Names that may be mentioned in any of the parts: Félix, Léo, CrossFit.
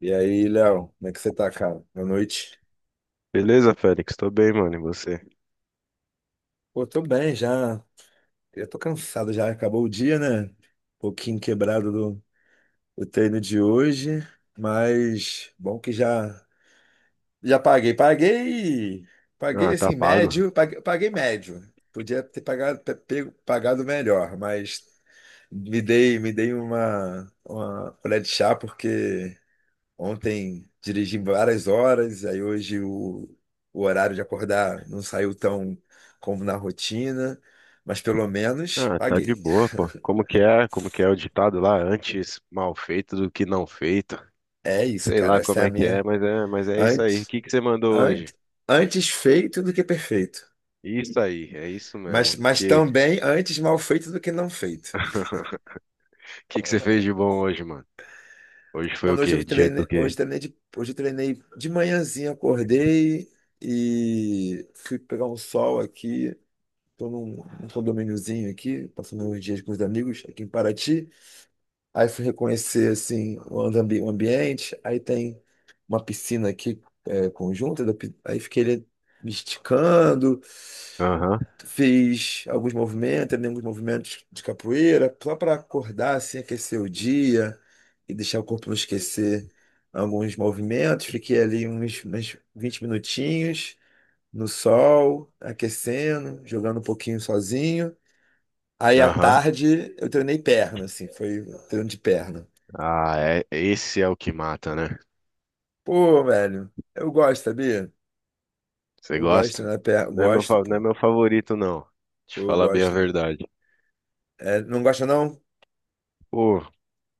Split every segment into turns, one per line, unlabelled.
E aí, Léo, como é que você tá, cara? Boa noite.
Beleza, Félix? Tô bem, mano. E você?
Pô, tô bem já. Eu tô cansado já, acabou o dia, né? Um pouquinho quebrado do treino de hoje, mas bom que já já paguei. Paguei, paguei
Ah, tá
assim,
pago.
médio, paguei, paguei médio. Podia ter pagado, pagado melhor, mas me dei uma colher de chá porque ontem dirigi várias horas, aí hoje o horário de acordar não saiu tão como na rotina, mas pelo menos
Ah, tá de
paguei.
boa, pô. Como que é? Como que é o ditado lá? Antes mal feito do que não feito.
É isso,
Sei
cara.
lá
Essa
como
é a
é que é,
minha.
mas é isso aí. O
Antes,
que que você mandou hoje?
antes, antes feito do que perfeito.
Isso aí, é isso
Mas,
mesmo. Que
também antes mal feito do que não feito.
que você fez de bom hoje, mano? Hoje foi o
Mano,
quê? Dia do quê?
hoje eu treinei de manhãzinha, acordei e fui pegar um sol aqui. Tô num condomíniozinho aqui, passando uns dias com os amigos aqui em Paraty. Aí fui reconhecer assim o o ambiente, aí tem uma piscina aqui é, conjunta, aí fiquei ali me esticando,
Aham,
fiz alguns movimentos, treinei alguns movimentos de capoeira, só para acordar assim, aquecer o dia e deixar o corpo não esquecer alguns movimentos. Fiquei ali uns 20 minutinhos no sol, aquecendo, jogando um pouquinho sozinho. Aí à
aham.
tarde eu treinei perna, assim, foi treino de perna.
Ah, é, esse é o que mata, né?
Pô, velho, eu gosto, sabia?
Você
Eu gosto,
gosta?
né?
Não é meu,
Gosto,
não é
pô.
meu favorito, não. Te
Pô, eu
falar bem a
gosto.
verdade.
É, não gosta, não?
Pô,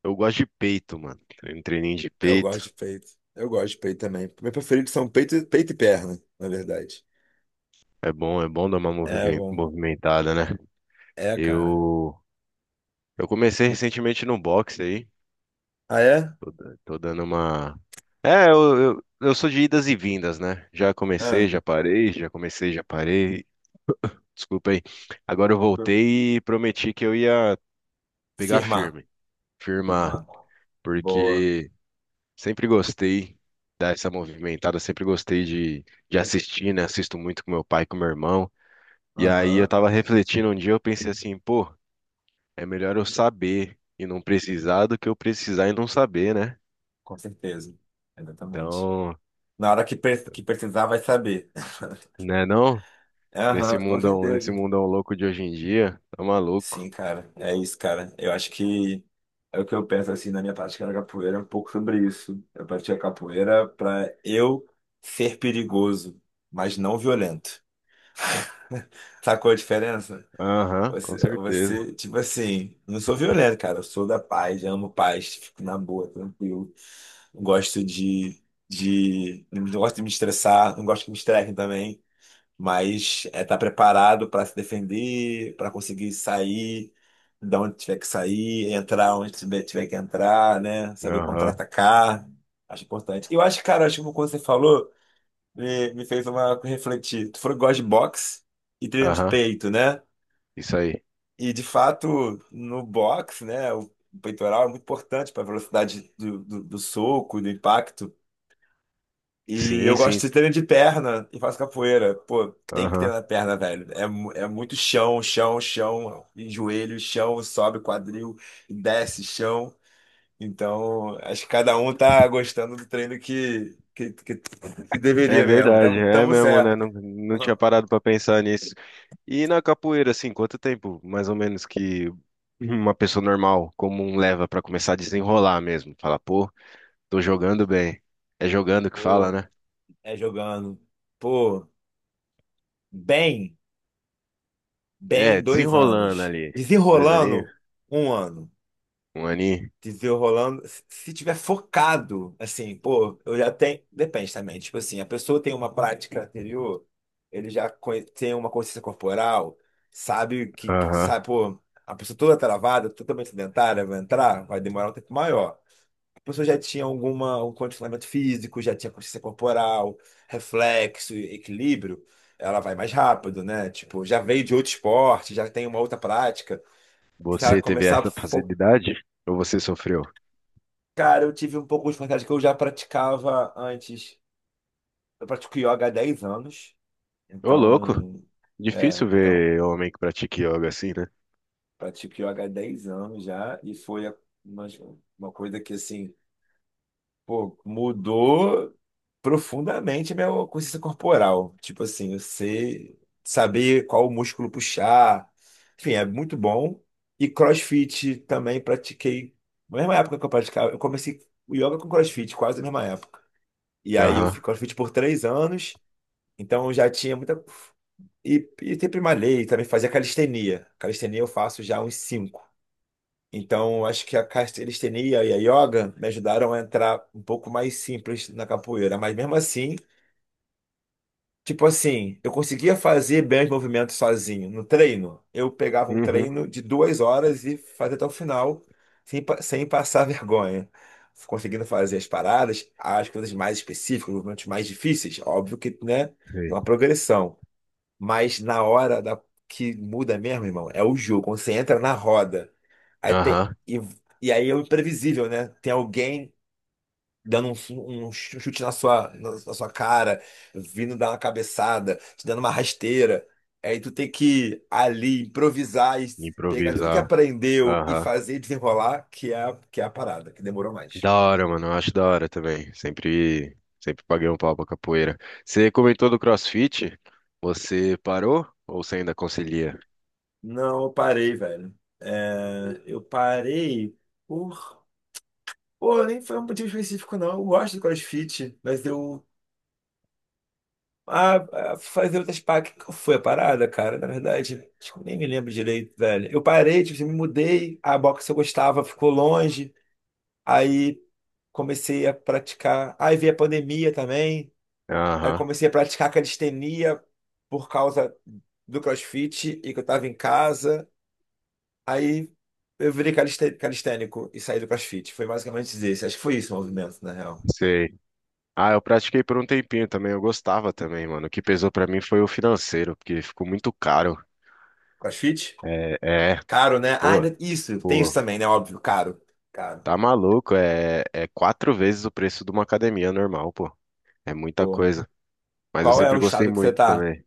eu gosto de peito, mano. Um treininho de
Eu gosto
peito.
de peito. Eu gosto de peito também. Meu preferido são peito, peito e perna, na verdade.
É bom dar uma
É, bom.
movimentada, né?
É, cara.
Eu, eu comecei recentemente no boxe aí.
Ah, é?
Tô, tô dando uma. É, eu sou de idas e vindas, né? Já comecei,
Ah,
já parei, já comecei, já parei. Desculpa aí. Agora eu voltei e prometi que eu ia pegar
firmar.
firme, firmar,
Firmar. Boa.
porque sempre gostei. Dar essa movimentada, sempre gostei de assistir, né? Assisto muito com meu pai, com meu irmão. E aí eu
Aham,
tava refletindo um dia, eu pensei assim, pô, é melhor eu saber e não precisar do que eu precisar e não saber, né?
com certeza. Exatamente.
Então,
Na hora que, que precisar, vai saber.
né não?
Aham, com
Nesse
certeza.
mundão louco de hoje em dia, tá maluco.
Sim, cara, é isso, cara. Eu acho que é o que eu penso assim na minha prática da capoeira, é um pouco sobre isso. Eu pratiquei a capoeira pra eu ser perigoso, mas não violento. Sacou a diferença?
Aham, com certeza.
Tipo assim, não sou violento, cara. Eu sou da paz, eu amo paz, fico na boa, tranquilo. Não gosto não gosto de me estressar, não gosto que me estressem também, mas é estar preparado para se defender, para conseguir sair da onde tiver que sair, entrar onde tiver que entrar, né? Saber
Aham,
contra-atacar. Acho importante. Eu acho, cara, acho que quando você falou, me fez uma refletir. Tu falou que gosta de boxe e treino de
aham,
peito, né?
isso aí.
E de fato, no boxe, né? O peitoral é muito importante para a velocidade do soco, do impacto. E
Sim,
eu gosto
sim,
de treinar de perna e faço capoeira. Pô, tem que
aham.
treinar perna, velho. É, é muito chão, chão, chão, e joelho, chão, sobe quadril, desce chão. Então, acho que cada um tá gostando do treino que
É
deveria mesmo.
verdade,
Tamo,
é
tamo
mesmo, né?
certo.
Não, não tinha parado pra pensar nisso. E na capoeira, assim, quanto tempo, mais ou menos, que uma pessoa normal, comum, leva pra começar a desenrolar mesmo? Fala, pô, tô jogando bem. É jogando que fala,
Pô,
né?
é jogando. Pô, bem,
É,
bem dois
desenrolando
anos.
ali. Dois
Desenrolando
aninhos?
um ano.
Um aninho?
Dizer rolando, se tiver focado, assim, pô, eu já tenho. Depende também. Tipo assim, a pessoa tem uma prática anterior, ele já tem uma consciência corporal, sabe o que,
Aham.
sabe, pô, a pessoa toda travada, totalmente sedentária, vai entrar, vai demorar um tempo maior. A pessoa já tinha alguma, um condicionamento físico, já tinha consciência corporal, reflexo, equilíbrio, ela vai mais rápido, né? Tipo, já veio de outro esporte, já tem uma outra prática. Se ela
Você teve
começar a
essa
fo-
facilidade? Ou você sofreu?
Cara, eu tive um pouco de vontade que eu já praticava antes. Eu pratico yoga há 10 anos,
Ô, louco.
então, é,
Difícil
então,
ver homem que pratica yoga assim, né?
pratico yoga há 10 anos já, e foi uma, uma coisa que, assim, pô, mudou profundamente a minha consciência corporal. Tipo assim, eu sei saber qual músculo puxar, enfim, é muito bom. E CrossFit também pratiquei, na mesma época que eu praticava, eu comecei o yoga com CrossFit, quase na mesma época. E aí eu fui
Aham.
CrossFit por 3 anos, então eu já tinha muita. E sempre malhei, também fazia calistenia. Calistenia eu faço já há uns cinco. Então eu acho que a calistenia e a yoga me ajudaram a entrar um pouco mais simples na capoeira. Mas mesmo assim, tipo assim, eu conseguia fazer bem os movimentos sozinho no treino. Eu pegava um
Uhum.
treino de 2 horas e fazia até o final, sem, sem passar vergonha. Conseguindo fazer as paradas, as coisas mais específicas, os movimentos mais difíceis. Óbvio que, né, tem
Sei.
uma progressão. Mas na hora da, que muda mesmo, irmão, é o jogo. Quando você entra na roda, aí tem,
Aham.
e, e aí é o imprevisível, né? Tem alguém dando um, um chute na sua, na sua cara, vindo dar uma cabeçada, te dando uma rasteira. Aí tu tem que ali improvisar e pegar tudo que
Improvisar.
aprendeu e
Aham.
fazer desenrolar, que é, que é a parada, que demorou mais.
Da hora, mano. Eu acho da hora também. Sempre, sempre paguei um pau pra capoeira. Você comentou do CrossFit? Você parou? Ou você ainda concilia?
Não, eu parei, velho. É, eu parei por. Pô, nem foi um motivo específico, não. Eu gosto de CrossFit, mas eu Ah, fazer outras paradas. Que foi a parada, cara? Na verdade, acho que eu nem me lembro direito, velho. Eu parei, tipo, assim, me mudei, a boxe que eu gostava ficou longe, aí comecei a praticar. Aí veio a pandemia também, aí
Aham.
comecei a praticar calistenia por causa do CrossFit e que eu tava em casa. Aí eu virei calistênico e saí do CrossFit. Foi basicamente isso. Acho que foi isso o movimento, na real.
Sei. Ah, eu pratiquei por um tempinho também, eu gostava também, mano. O que pesou pra mim foi o financeiro, porque ficou muito caro.
CrossFit?
É, é,
Caro, né? Ah,
pô,
isso, tem isso
pô,
também, né? Óbvio, caro. Caro.
tá maluco, é quatro vezes o preço de uma academia normal, pô. É muita
Porra.
coisa. Mas eu
Qual é
sempre
o
gostei
estado que você
muito
tá?
também.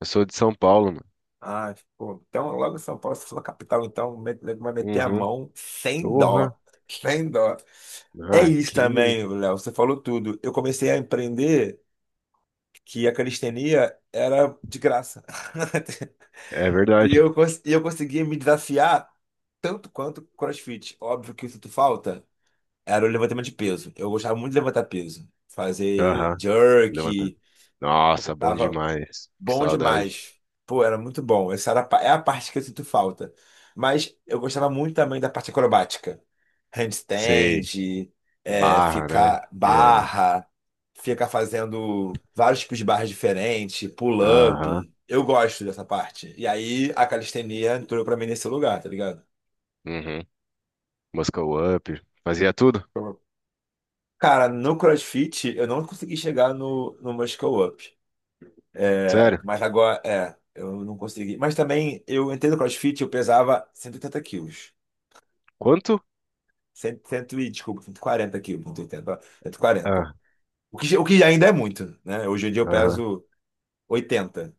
Eu sou de São Paulo, mano.
Ah, pô, então logo São Paulo, se for capital, então vai meter a
Uhum.
mão sem dó.
Porra.
Sem dó. É
Ah,
isso
que...
também, Léo, você falou tudo. Eu comecei a empreender que a calistenia era de graça.
É verdade.
E eu conseguia me desafiar tanto quanto CrossFit. Óbvio que eu sinto falta era o levantamento de peso. Eu gostava muito de levantar peso. Fazer
Aham, levanta.
jerk,
Nossa, bom
tava
demais. Que
bom
saudade.
demais. Pô, era muito bom. Essa era a é a parte que eu sinto falta. Mas eu gostava muito também da parte acrobática.
Sei,
Handstand, é,
barra, né?
ficar
É,
barra, ficar fazendo vários tipos de barras diferentes,
aham,
pull-up. Eu gosto dessa parte. E aí a calistenia entrou pra mim nesse lugar, tá ligado?
uhum. Muscle Up. Fazia tudo?
Cara, no CrossFit eu não consegui chegar no Muscle Up.
Sério?
Mas agora, é, eu não consegui. Mas também, eu entrei no CrossFit, eu pesava 180 quilos.
Quanto?
Cento, cento e, desculpa, 140 quilos, 180, 140.
Ah,
O que ainda é muito, né? Hoje em dia eu
aham.
peso oitenta,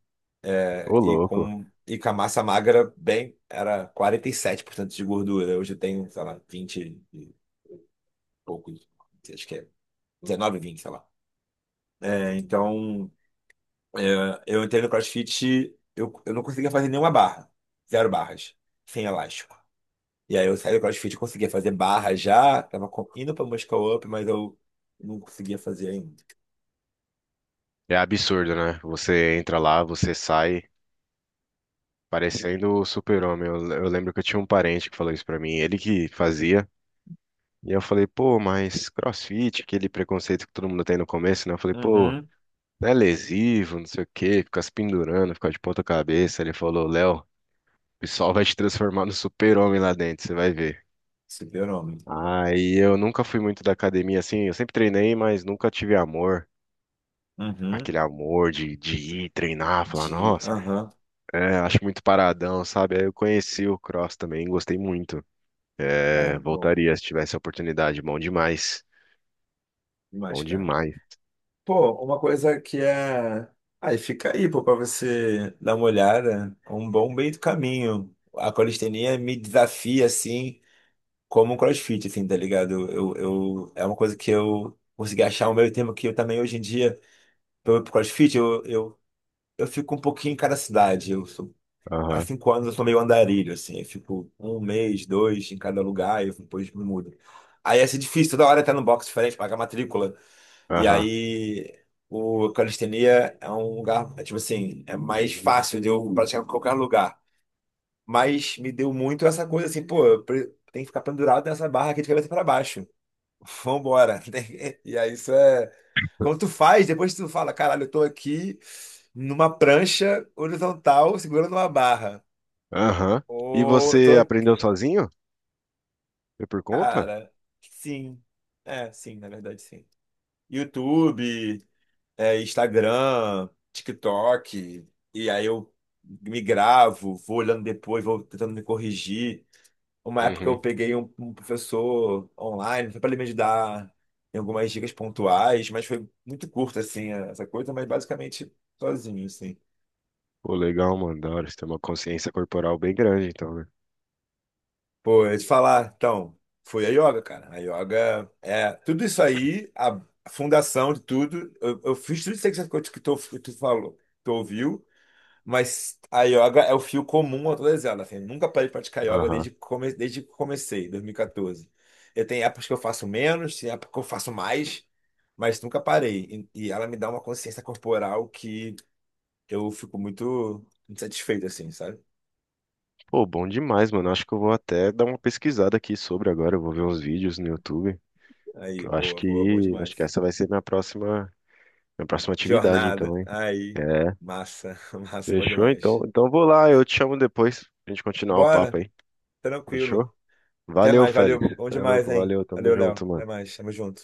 é,
Ô, louco.
e com a massa magra, bem, era 47% de gordura. Hoje eu tenho, sei lá, 20 e pouco. Acho que é 19, 20, sei lá. É, então, é, eu entrei no CrossFit, eu não conseguia fazer nenhuma barra. Zero barras. Sem elástico. E aí eu saí do CrossFit, eu conseguia fazer barra já, tava indo pra Muscle Up, mas eu não conseguia fazer ainda.
É absurdo, né? Você entra lá, você sai parecendo o super-homem. Eu lembro que eu tinha um parente que falou isso pra mim, ele que fazia. E eu falei, pô, mas CrossFit, aquele preconceito que todo mundo tem no começo, né? Eu falei, pô,
Uhum,
não é lesivo, não sei o quê, fica se pendurando, fica de ponta cabeça. Ele falou, Léo, o pessoal vai te transformar no super-homem lá dentro, você vai ver.
super-homem, pô.
Aí eu nunca fui muito da academia assim, eu sempre treinei, mas nunca tive amor.
Uhum.
Aquele amor de ir treinar, falar,
De.
nossa,
Aham.
é, acho muito paradão, sabe? Aí eu conheci o cross também, gostei muito.
Cara,
É,
muito bom.
voltaria se tivesse a oportunidade, bom demais. Bom
Demais, cara.
demais.
Pô, uma coisa que é. Aí fica aí, pô, pra você dar uma olhada. É um bom meio do caminho. A calistenia me desafia, assim, como o CrossFit, assim, tá ligado? É uma coisa que eu consegui achar o meio termo que eu também, hoje em dia, pro CrossFit, eu fico um pouquinho em cada cidade. Eu sou, há
Aham,
5 anos eu sou meio andarilho, assim. Eu fico um mês, dois em cada lugar e eu depois me mudo. Aí ia ser difícil, toda hora estar num box diferente, pagar matrícula. E
aham,
aí o calistenia é um lugar, é tipo assim, é mais fácil de eu praticar em qualquer lugar. Mas me deu muito essa coisa assim, pô, eu tem que ficar pendurado nessa barra aqui de cabeça para baixo. Vambora. E aí isso é. Quando tu faz, depois tu fala, caralho, eu tô aqui numa prancha horizontal segurando uma barra.
aham. E
Ou eu tô
você aprendeu
aqui.
sozinho? Foi por conta?
Cara, sim. É, sim, na verdade, sim. YouTube, é, Instagram, TikTok. E aí eu me gravo, vou olhando depois, vou tentando me corrigir. Uma época eu
Uhum.
peguei um professor online, foi para ele me dar em algumas dicas pontuais, mas foi muito curto, assim, essa coisa, mas basicamente sozinho, assim.
Pô, legal, mano, da hora. Você tem uma consciência corporal bem grande, então, né?
Pô, eu ia te falar, então, foi a yoga, cara. A yoga é tudo isso aí, a fundação de tudo. Eu fiz tudo isso aí que tu, falou, tu ouviu. Mas a yoga é o fio comum a todas elas. Assim, eu nunca parei de praticar yoga desde,
Aham.
desde que comecei, 2014. Eu tenho épocas que eu faço menos, tem épocas que eu faço mais, mas nunca parei. E ela me dá uma consciência corporal que eu fico muito muito satisfeito, assim, sabe?
Pô, bom demais, mano. Acho que eu vou até dar uma pesquisada aqui sobre agora. Eu vou ver uns vídeos no YouTube. Que
Aí,
eu
boa, boa, bom
acho que
demais.
essa vai ser minha próxima minha próxima atividade,
Jornada,
então, hein?
aí,
É.
massa, massa, bom
Fechou? Então,
demais.
então eu vou lá, eu te chamo depois pra gente continuar o papo
Bora,
aí.
tranquilo.
Fechou?
Até
Valeu,
mais,
Félix.
valeu, bom
Você é
demais,
louco,
hein?
valeu, tamo
Valeu, Léo.
junto,
Até
mano.
mais, tamo junto.